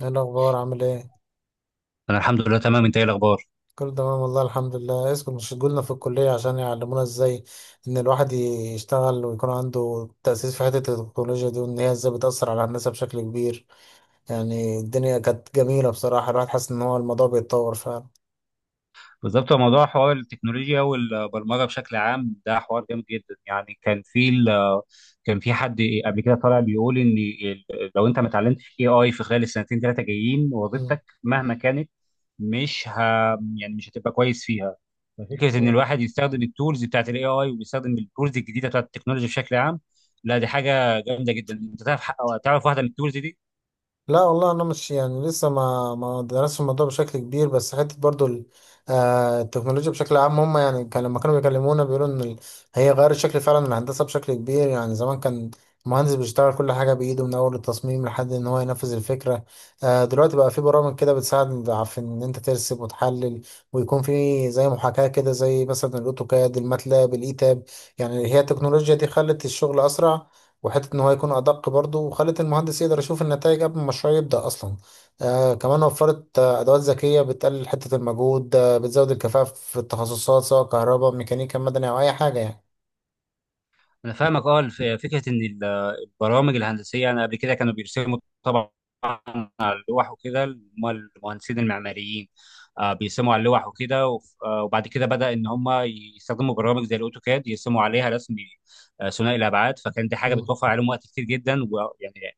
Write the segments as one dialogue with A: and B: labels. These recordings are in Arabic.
A: ايه الاخبار؟ عامل ايه؟
B: انا الحمد لله تمام. انت ايه الاخبار؟
A: كله تمام والله، الحمد لله. اسكت، مش شغلنا في الكليه عشان يعلمونا ازاي ان الواحد يشتغل ويكون عنده تاسيس في حته التكنولوجيا دي، وان هي ازاي بتاثر على الناس بشكل كبير. يعني الدنيا كانت جميله بصراحه، الواحد حاسس ان هو الموضوع بيتطور فعلا.
B: بالظبط، هو موضوع حوار التكنولوجيا والبرمجه بشكل عام ده حوار جامد جدا يعني. كان في حد قبل كده طالع بيقول لو انت ما اتعلمتش اي اي في خلال السنتين ثلاثه جايين، وظيفتك مهما كانت مش ه... يعني مش هتبقى كويس فيها. ففكره ان
A: مم.
B: الواحد يستخدم التولز بتاعت الاي اي ويستخدم التولز الجديده بتاعت التكنولوجيا بشكل عام، لا دي حاجه جامده جدا. انت تعرف. تعرف واحده من التولز دي؟
A: لا والله، انا مش يعني لسه ما درستش الموضوع بشكل كبير، بس حته برضو التكنولوجيا بشكل عام، هم يعني كان لما كانوا بيكلمونا بيقولوا ان هي غيرت شكل فعلا الهندسه بشكل كبير. يعني زمان كان المهندس بيشتغل كل حاجه بايده من اول التصميم لحد ان هو ينفذ الفكره. دلوقتي بقى في برامج كده بتساعد في ان انت ترسم وتحلل، ويكون في زي محاكاه كده زي مثلا الاوتوكاد، الماتلاب، الايتاب. يعني هي التكنولوجيا دي خلت الشغل اسرع، وحته ان هو يكون ادق برضه، وخلت المهندس يقدر يشوف النتائج قبل ما المشروع يبدا اصلا. كمان وفرت ادوات ذكيه بتقلل حته المجهود، بتزود الكفاءه في التخصصات سواء كهرباء، ميكانيكا، مدني او اي حاجه يعني.
B: انا فاهمك، اه. فكره ان البرامج الهندسيه، انا قبل كده كانوا بيرسموا طبعا على اللوح وكده هم المهندسين المعماريين. بيرسموا على اللوح وكده وبعد كده بدا ان هم يستخدموا برامج زي الاوتوكاد، يرسموا عليها رسم ثنائي الابعاد. فكان دي حاجه
A: مم.
B: بتوفر عليهم وقت كتير جدا، ويعني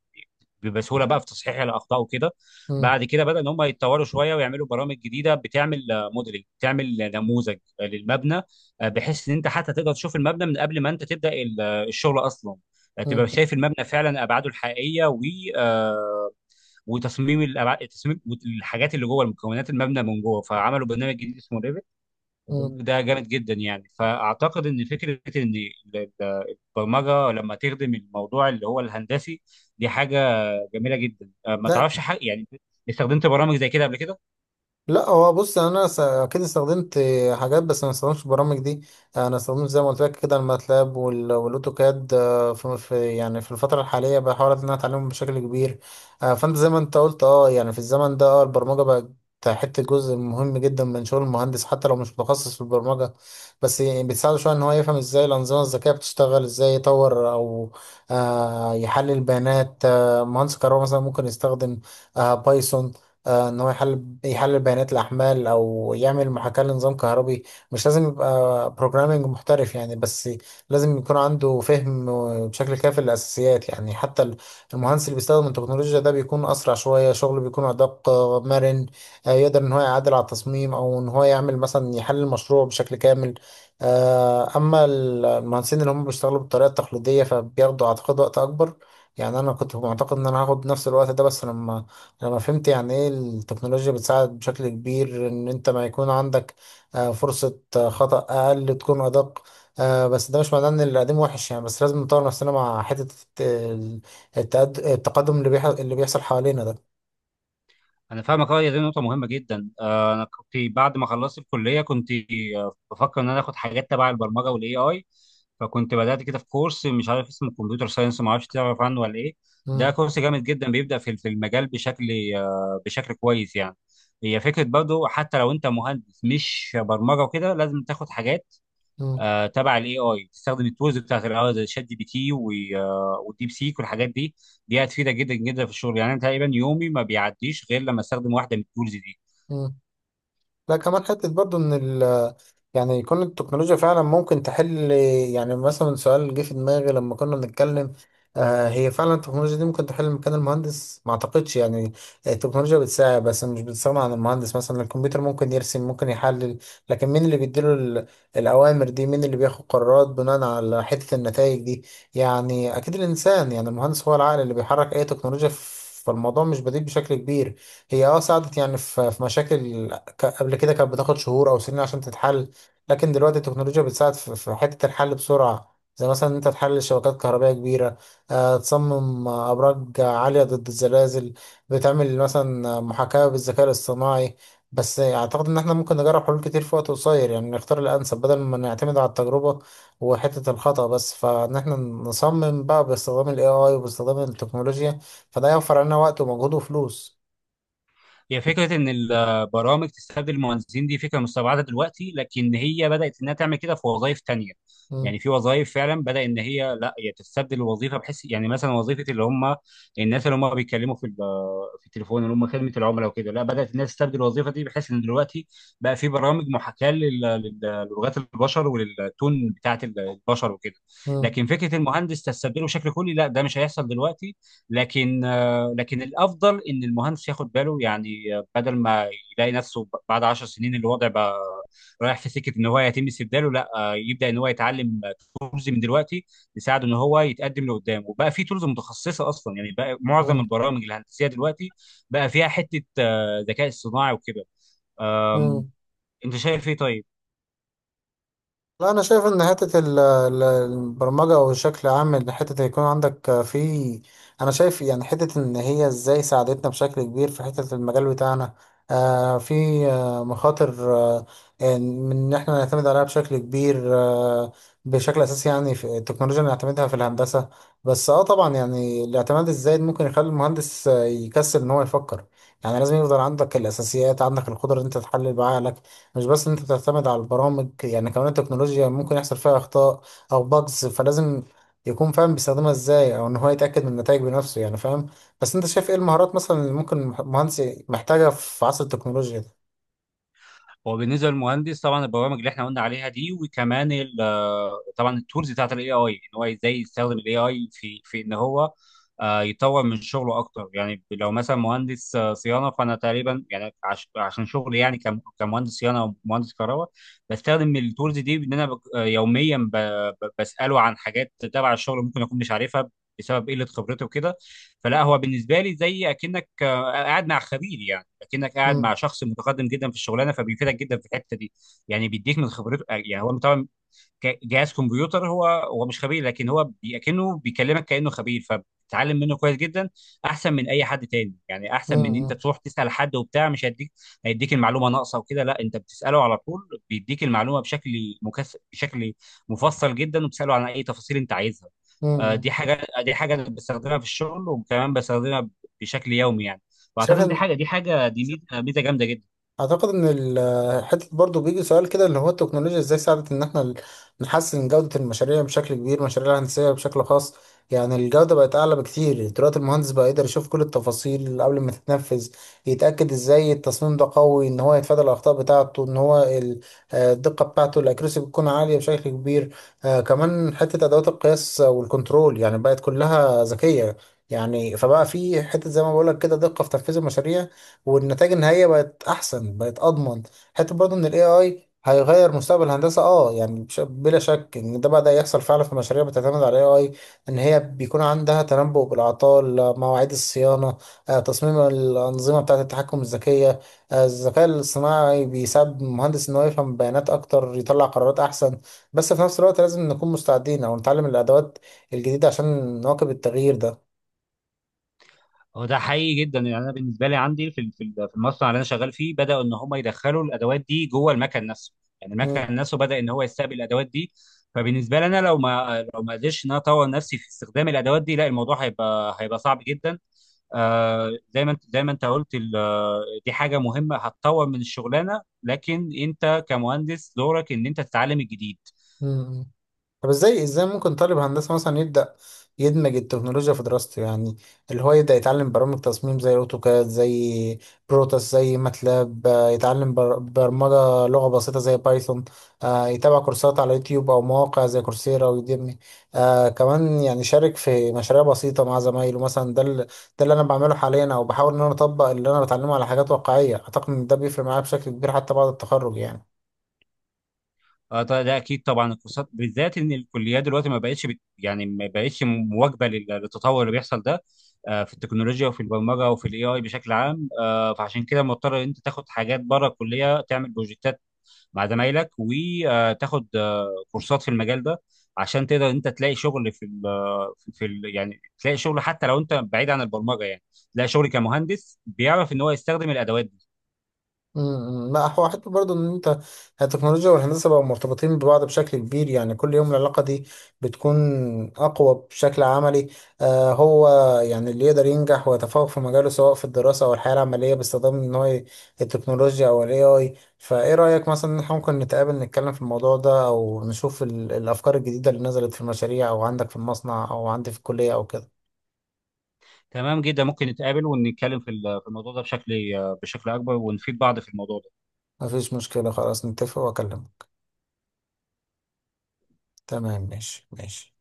B: بسهوله بقى في تصحيح الاخطاء وكده.
A: مم.
B: بعد كده بدا ان هم يتطوروا شويه ويعملوا برامج جديده بتعمل موديلنج، بتعمل نموذج للمبنى. بحيث ان انت حتى تقدر تشوف المبنى من قبل ما انت تبدا الشغل اصلا، تبقى
A: مم.
B: شايف المبنى فعلا، ابعاده الحقيقيه، و آه، وتصميم تصميم الحاجات اللي جوه، المكونات المبنى من جوه. فعملوا برنامج جديد اسمه ريفت.
A: مم.
B: البرنامج ده جامد جدا يعني. فاعتقد ان فكره ان ال- البرمجه لما تخدم الموضوع اللي هو الهندسي، دي حاجه جميله جدا. ما
A: لا،
B: تعرفش حق يعني؟ استخدمت برامج زي كده قبل كده؟
A: لا هو بص، انا اكيد استخدمت حاجات بس ما استخدمتش البرامج دي. انا استخدمت زي ما قلت لك كده الماتلاب والاوتوكاد. يعني في الفتره الحاليه بحاول ان انا اتعلمهم بشكل كبير. فانت زي ما انت قلت يعني في الزمن ده، البرمجه بقت حته جزء مهم جدا من شغل المهندس حتى لو مش متخصص في البرمجه. بس يعني بتساعده شويه ان هو يفهم ازاي الانظمه الذكيه بتشتغل، ازاي يطور او يحلل بيانات. مهندس كهرباء مثلا ممكن يستخدم بايثون، ان هو يحلل بيانات الاحمال او يعمل محاكاه لنظام كهربي. مش لازم يبقى بروجرامنج محترف يعني، بس لازم يكون عنده فهم بشكل كافي للاساسيات. يعني حتى المهندس اللي بيستخدم التكنولوجيا ده بيكون اسرع شويه، شغله بيكون ادق، مرن، يقدر ان هو يعدل على التصميم او ان هو يعمل مثلا يحلل المشروع بشكل كامل. اما المهندسين اللي هم بيشتغلوا بالطريقه التقليديه فبياخدوا اعتقد وقت اكبر. يعني انا كنت معتقد ان انا هاخد نفس الوقت ده، بس لما انا فهمت يعني ايه التكنولوجيا بتساعد بشكل كبير ان انت ما يكون عندك فرصة خطأ اقل، تكون ادق. بس ده مش معناه ان اللي قديم وحش يعني، بس لازم نطور نفسنا مع حتة التقدم اللي اللي بيحصل حوالينا ده.
B: انا فاهمك، اه. هي دي نقطه مهمه جدا. انا كنت بعد ما خلصت الكليه كنت بفكر ان انا اخد حاجات تبع البرمجه والاي اي. فكنت بدات كده في كورس، مش عارف اسمه كمبيوتر ساينس، ما اعرفش، تعرف عنه ولا ايه؟ ده
A: مم.
B: كورس جامد جدا، بيبدا في المجال بشكل كويس يعني. هي فكره برضه، حتى لو انت مهندس مش برمجه وكده، لازم تاخد حاجات
A: مم.
B: تبع الاي اي، تستخدم التولز بتاعت الاي اي زي شات جي بي تي والديب سيك والحاجات دي. دي هتفيدك جدا جدا في الشغل. يعني انا تقريبا يومي ما بيعديش غير لما استخدم واحده من التولز دي.
A: مم. لا، كمان حتة برضو ان يعني يكون التكنولوجيا فعلا ممكن تحل. يعني مثلا سؤال جه في دماغي لما كنا بنتكلم، هي فعلا التكنولوجيا دي ممكن تحل مكان المهندس؟ ما اعتقدش يعني. التكنولوجيا بتساعد بس مش بتستغنى عن المهندس. مثلا الكمبيوتر ممكن يرسم، ممكن يحلل، لكن مين اللي بيديله الاوامر دي؟ مين اللي بياخد قرارات بناء على حتة النتائج دي؟ يعني اكيد الانسان، يعني المهندس هو العقل اللي بيحرك اي تكنولوجيا. فالموضوع مش بديل بشكل كبير. هي ساعدت يعني في مشاكل قبل كده كانت بتاخد شهور او سنين عشان تتحل، لكن دلوقتي التكنولوجيا بتساعد في حتة الحل بسرعة. زي مثلا إن انت تحلل شبكات كهربائية كبيرة، تصمم ابراج عالية ضد الزلازل، بتعمل مثلا محاكاة بالذكاء الاصطناعي. بس اعتقد ان احنا ممكن نجرب حلول كتير في وقت قصير، يعني نختار الانسب بدل ما نعتمد على التجربة وحتة الخطأ، بس فان احنا نصمم بقى باستخدام الاي اي وباستخدام التكنولوجيا فده يوفر علينا وقت ومجهود وفلوس.
B: هي فكرة إن البرامج تستبدل المهندسين دي فكرة مستبعدة دلوقتي، لكن هي بدأت إنها تعمل كده في وظائف تانية.
A: مم.
B: يعني في وظائف فعلا بدأ إن هي، لا هي تستبدل الوظيفة، بحيث يعني مثلا وظيفة اللي هم الناس اللي هم بيتكلموا في التليفون، اللي هم خدمة العملاء وكده، لا بدأت الناس تستبدل الوظيفة دي، بحيث إن دلوقتي بقى في برامج محاكاة للغات البشر وللتون بتاعت البشر وكده.
A: مم.
B: لكن فكرة المهندس تستبدله بشكل كلي، لا ده مش هيحصل دلوقتي. لكن لكن الافضل ان المهندس ياخد باله يعني، بدل ما يلاقي نفسه بعد 10 سنين الوضع بقى رايح في سكه ان هو يتم استبداله. لا، يبدا ان هو يتعلم تولز من دلوقتي، يساعده ان هو يتقدم لقدام. وبقى في تولز متخصصه اصلا. يعني بقى معظم
A: مم.
B: البرامج الهندسيه دلوقتي بقى فيها حته ذكاء اصطناعي وكده. آم،
A: مم.
B: انت شايف ايه طيب؟
A: لا، انا شايف ان حته البرمجه، او بشكل عام ان حته يكون عندك في، انا شايف يعني حته ان هي ازاي ساعدتنا بشكل كبير في حته المجال بتاعنا. في مخاطر من ان احنا نعتمد عليها بشكل كبير، بشكل اساسي يعني في التكنولوجيا اللي نعتمدها في الهندسه. بس اه طبعا يعني الاعتماد الزايد ممكن يخلي المهندس يكسل ان هو يفكر. يعني لازم يفضل عندك الاساسيات، عندك القدره ان انت تحلل بعقلك، مش بس ان انت بتعتمد على البرامج. يعني كمان التكنولوجيا ممكن يحصل فيها اخطاء او باجز، فلازم يكون فاهم بيستخدمها ازاي، او ان هو يتاكد من النتائج بنفسه يعني، فاهم؟ بس انت شايف ايه المهارات مثلا اللي ممكن مهندس محتاجها في عصر التكنولوجيا ده؟
B: هو بالنسبه للمهندس طبعا البرامج اللي احنا قلنا عليها دي، وكمان طبعا التولز بتاعت الاي اي، ان هو ازاي يستخدم الاي اي في ان هو يطور من شغله اكتر. يعني لو مثلا مهندس صيانه، فانا تقريبا يعني عشان شغلي، يعني كمهندس صيانه او مهندس كهرباء، بستخدم التولز دي. ان انا يوميا بساله عن حاجات تبع الشغل ممكن اكون مش عارفها بسبب قله خبرته وكده. فلا، هو بالنسبه لي زي اكنك قاعد مع خبير يعني. لكنك قاعد
A: امم.
B: مع شخص متقدم جدا في الشغلانه، فبيفيدك جدا في الحته دي. يعني بيديك من خبرته يعني. هو طبعا جهاز كمبيوتر، هو مش خبير، لكن كأنه بيكلمك كأنه خبير، فبتتعلم منه كويس جدا. احسن من اي حد تاني يعني، احسن
A: امم.
B: من ان انت
A: امم.
B: تروح تسأل حد وبتاع، مش هيديك، هيديك المعلومة ناقصة وكده. لا، انت بتسأله على طول، بيديك المعلومة بشكل مفصل جدا، وبتسأله عن اي تفاصيل انت عايزها.
A: إمم، إمم.
B: دي حاجه أنا بستخدمها في الشغل، وكمان بستخدمها بشكل يومي يعني. واعتقد
A: شايف
B: إن دي
A: إن-
B: حاجه دي حاجه دي ميزة جامده جدا.
A: اعتقد ان حته برضو بيجي سؤال كده اللي هو التكنولوجيا ازاي ساعدت ان احنا نحسن جوده المشاريع بشكل كبير، مشاريع الهندسيه بشكل خاص. يعني الجوده بقت اعلى بكتير دلوقتي، المهندس بقى يقدر يشوف كل التفاصيل قبل ما تتنفذ، يتاكد ازاي التصميم ده قوي، ان هو يتفادى الاخطاء بتاعته، ان هو الدقه بتاعته الاكيرسي بتكون عاليه بشكل كبير. كمان حته ادوات القياس والكنترول يعني بقت كلها ذكيه. يعني فبقى في حته زي ما بقول لك كده دقه في تنفيذ المشاريع، والنتائج النهائيه بقت احسن، بقت اضمن. حتى برضه ان الاي اي هيغير مستقبل الهندسه اه يعني، بلا شك ان ده بدا يحصل فعلا في مشاريع بتعتمد على الاي اي. ان هي بيكون عندها تنبؤ بالاعطال، مواعيد الصيانه، تصميم الانظمه بتاعه التحكم الذكيه. الذكاء الاصطناعي بيساعد المهندس ان هو يفهم بيانات اكتر، يطلع قرارات احسن. بس في نفس الوقت لازم نكون مستعدين او نتعلم الادوات الجديده عشان نواكب التغيير ده.
B: هو ده حقيقي جدا يعني. انا بالنسبه لي عندي في المصنع اللي انا شغال فيه بداوا ان هم يدخلوا الادوات دي جوه المكن نفسه. يعني
A: مم.
B: المكن نفسه بدا ان هو يستقبل الادوات دي. فبالنسبه لي، انا لو ما قدرتش ان انا اطور نفسي في استخدام الادوات دي، لا الموضوع هيبقى صعب جدا. زي ما انت قلت، دي حاجه مهمه هتطور من الشغلانه، لكن انت كمهندس دورك ان انت تتعلم الجديد.
A: مم. طب ازاي ممكن طالب هندسة مثلا يبدأ يدمج التكنولوجيا في دراسته؟ يعني اللي هو يبدأ يتعلم برامج تصميم زي اوتوكاد، زي بروتاس، زي ماتلاب، يتعلم برمجة لغة بسيطة زي بايثون، يتابع كورسات على يوتيوب أو مواقع زي كورسيرا ويوديمي. كمان يعني شارك في مشاريع بسيطة مع زمايله مثلا. ده ده اللي أنا بعمله حاليا، أو بحاول إن أنا أطبق اللي أنا بتعلمه على حاجات واقعية. أعتقد إن ده بيفرق معايا بشكل كبير حتى بعد التخرج يعني.
B: اه طبعا ده اكيد. طبعا الكورسات بالذات، ان الكليات دلوقتي ما بقتش مواكبه للتطور اللي بيحصل ده. في التكنولوجيا وفي البرمجه وفي الاي اي بشكل عام. فعشان كده مضطر ان انت تاخد حاجات بره الكليه، تعمل بروجكتات مع زمايلك وتاخد كورسات في المجال ده، عشان تقدر انت تلاقي شغل في ال في في ال يعني تلاقي شغل، حتى لو انت بعيد عن البرمجه يعني، تلاقي شغل كمهندس بيعرف ان هو يستخدم الادوات.
A: امم. لا هو حتى برضه ان انت التكنولوجيا والهندسه بقوا مرتبطين ببعض بشكل كبير، يعني كل يوم العلاقه دي بتكون اقوى بشكل عملي. هو يعني اللي يقدر ينجح ويتفوق في مجاله سواء في الدراسه او الحياه العمليه باستخدام ان هو التكنولوجيا او الاي اي. فايه رايك مثلا ان احنا ممكن نتقابل نتكلم في الموضوع ده، او نشوف الافكار الجديده اللي نزلت في المشاريع او عندك في المصنع او عندي في الكليه او كده؟
B: تمام جدا، ممكن نتقابل ونتكلم في الموضوع ده بشكل اكبر، ونفيد بعض في الموضوع ده.
A: مفيش مشكله، خلاص نتفق واكلمك. تمام، ماشي ماشي.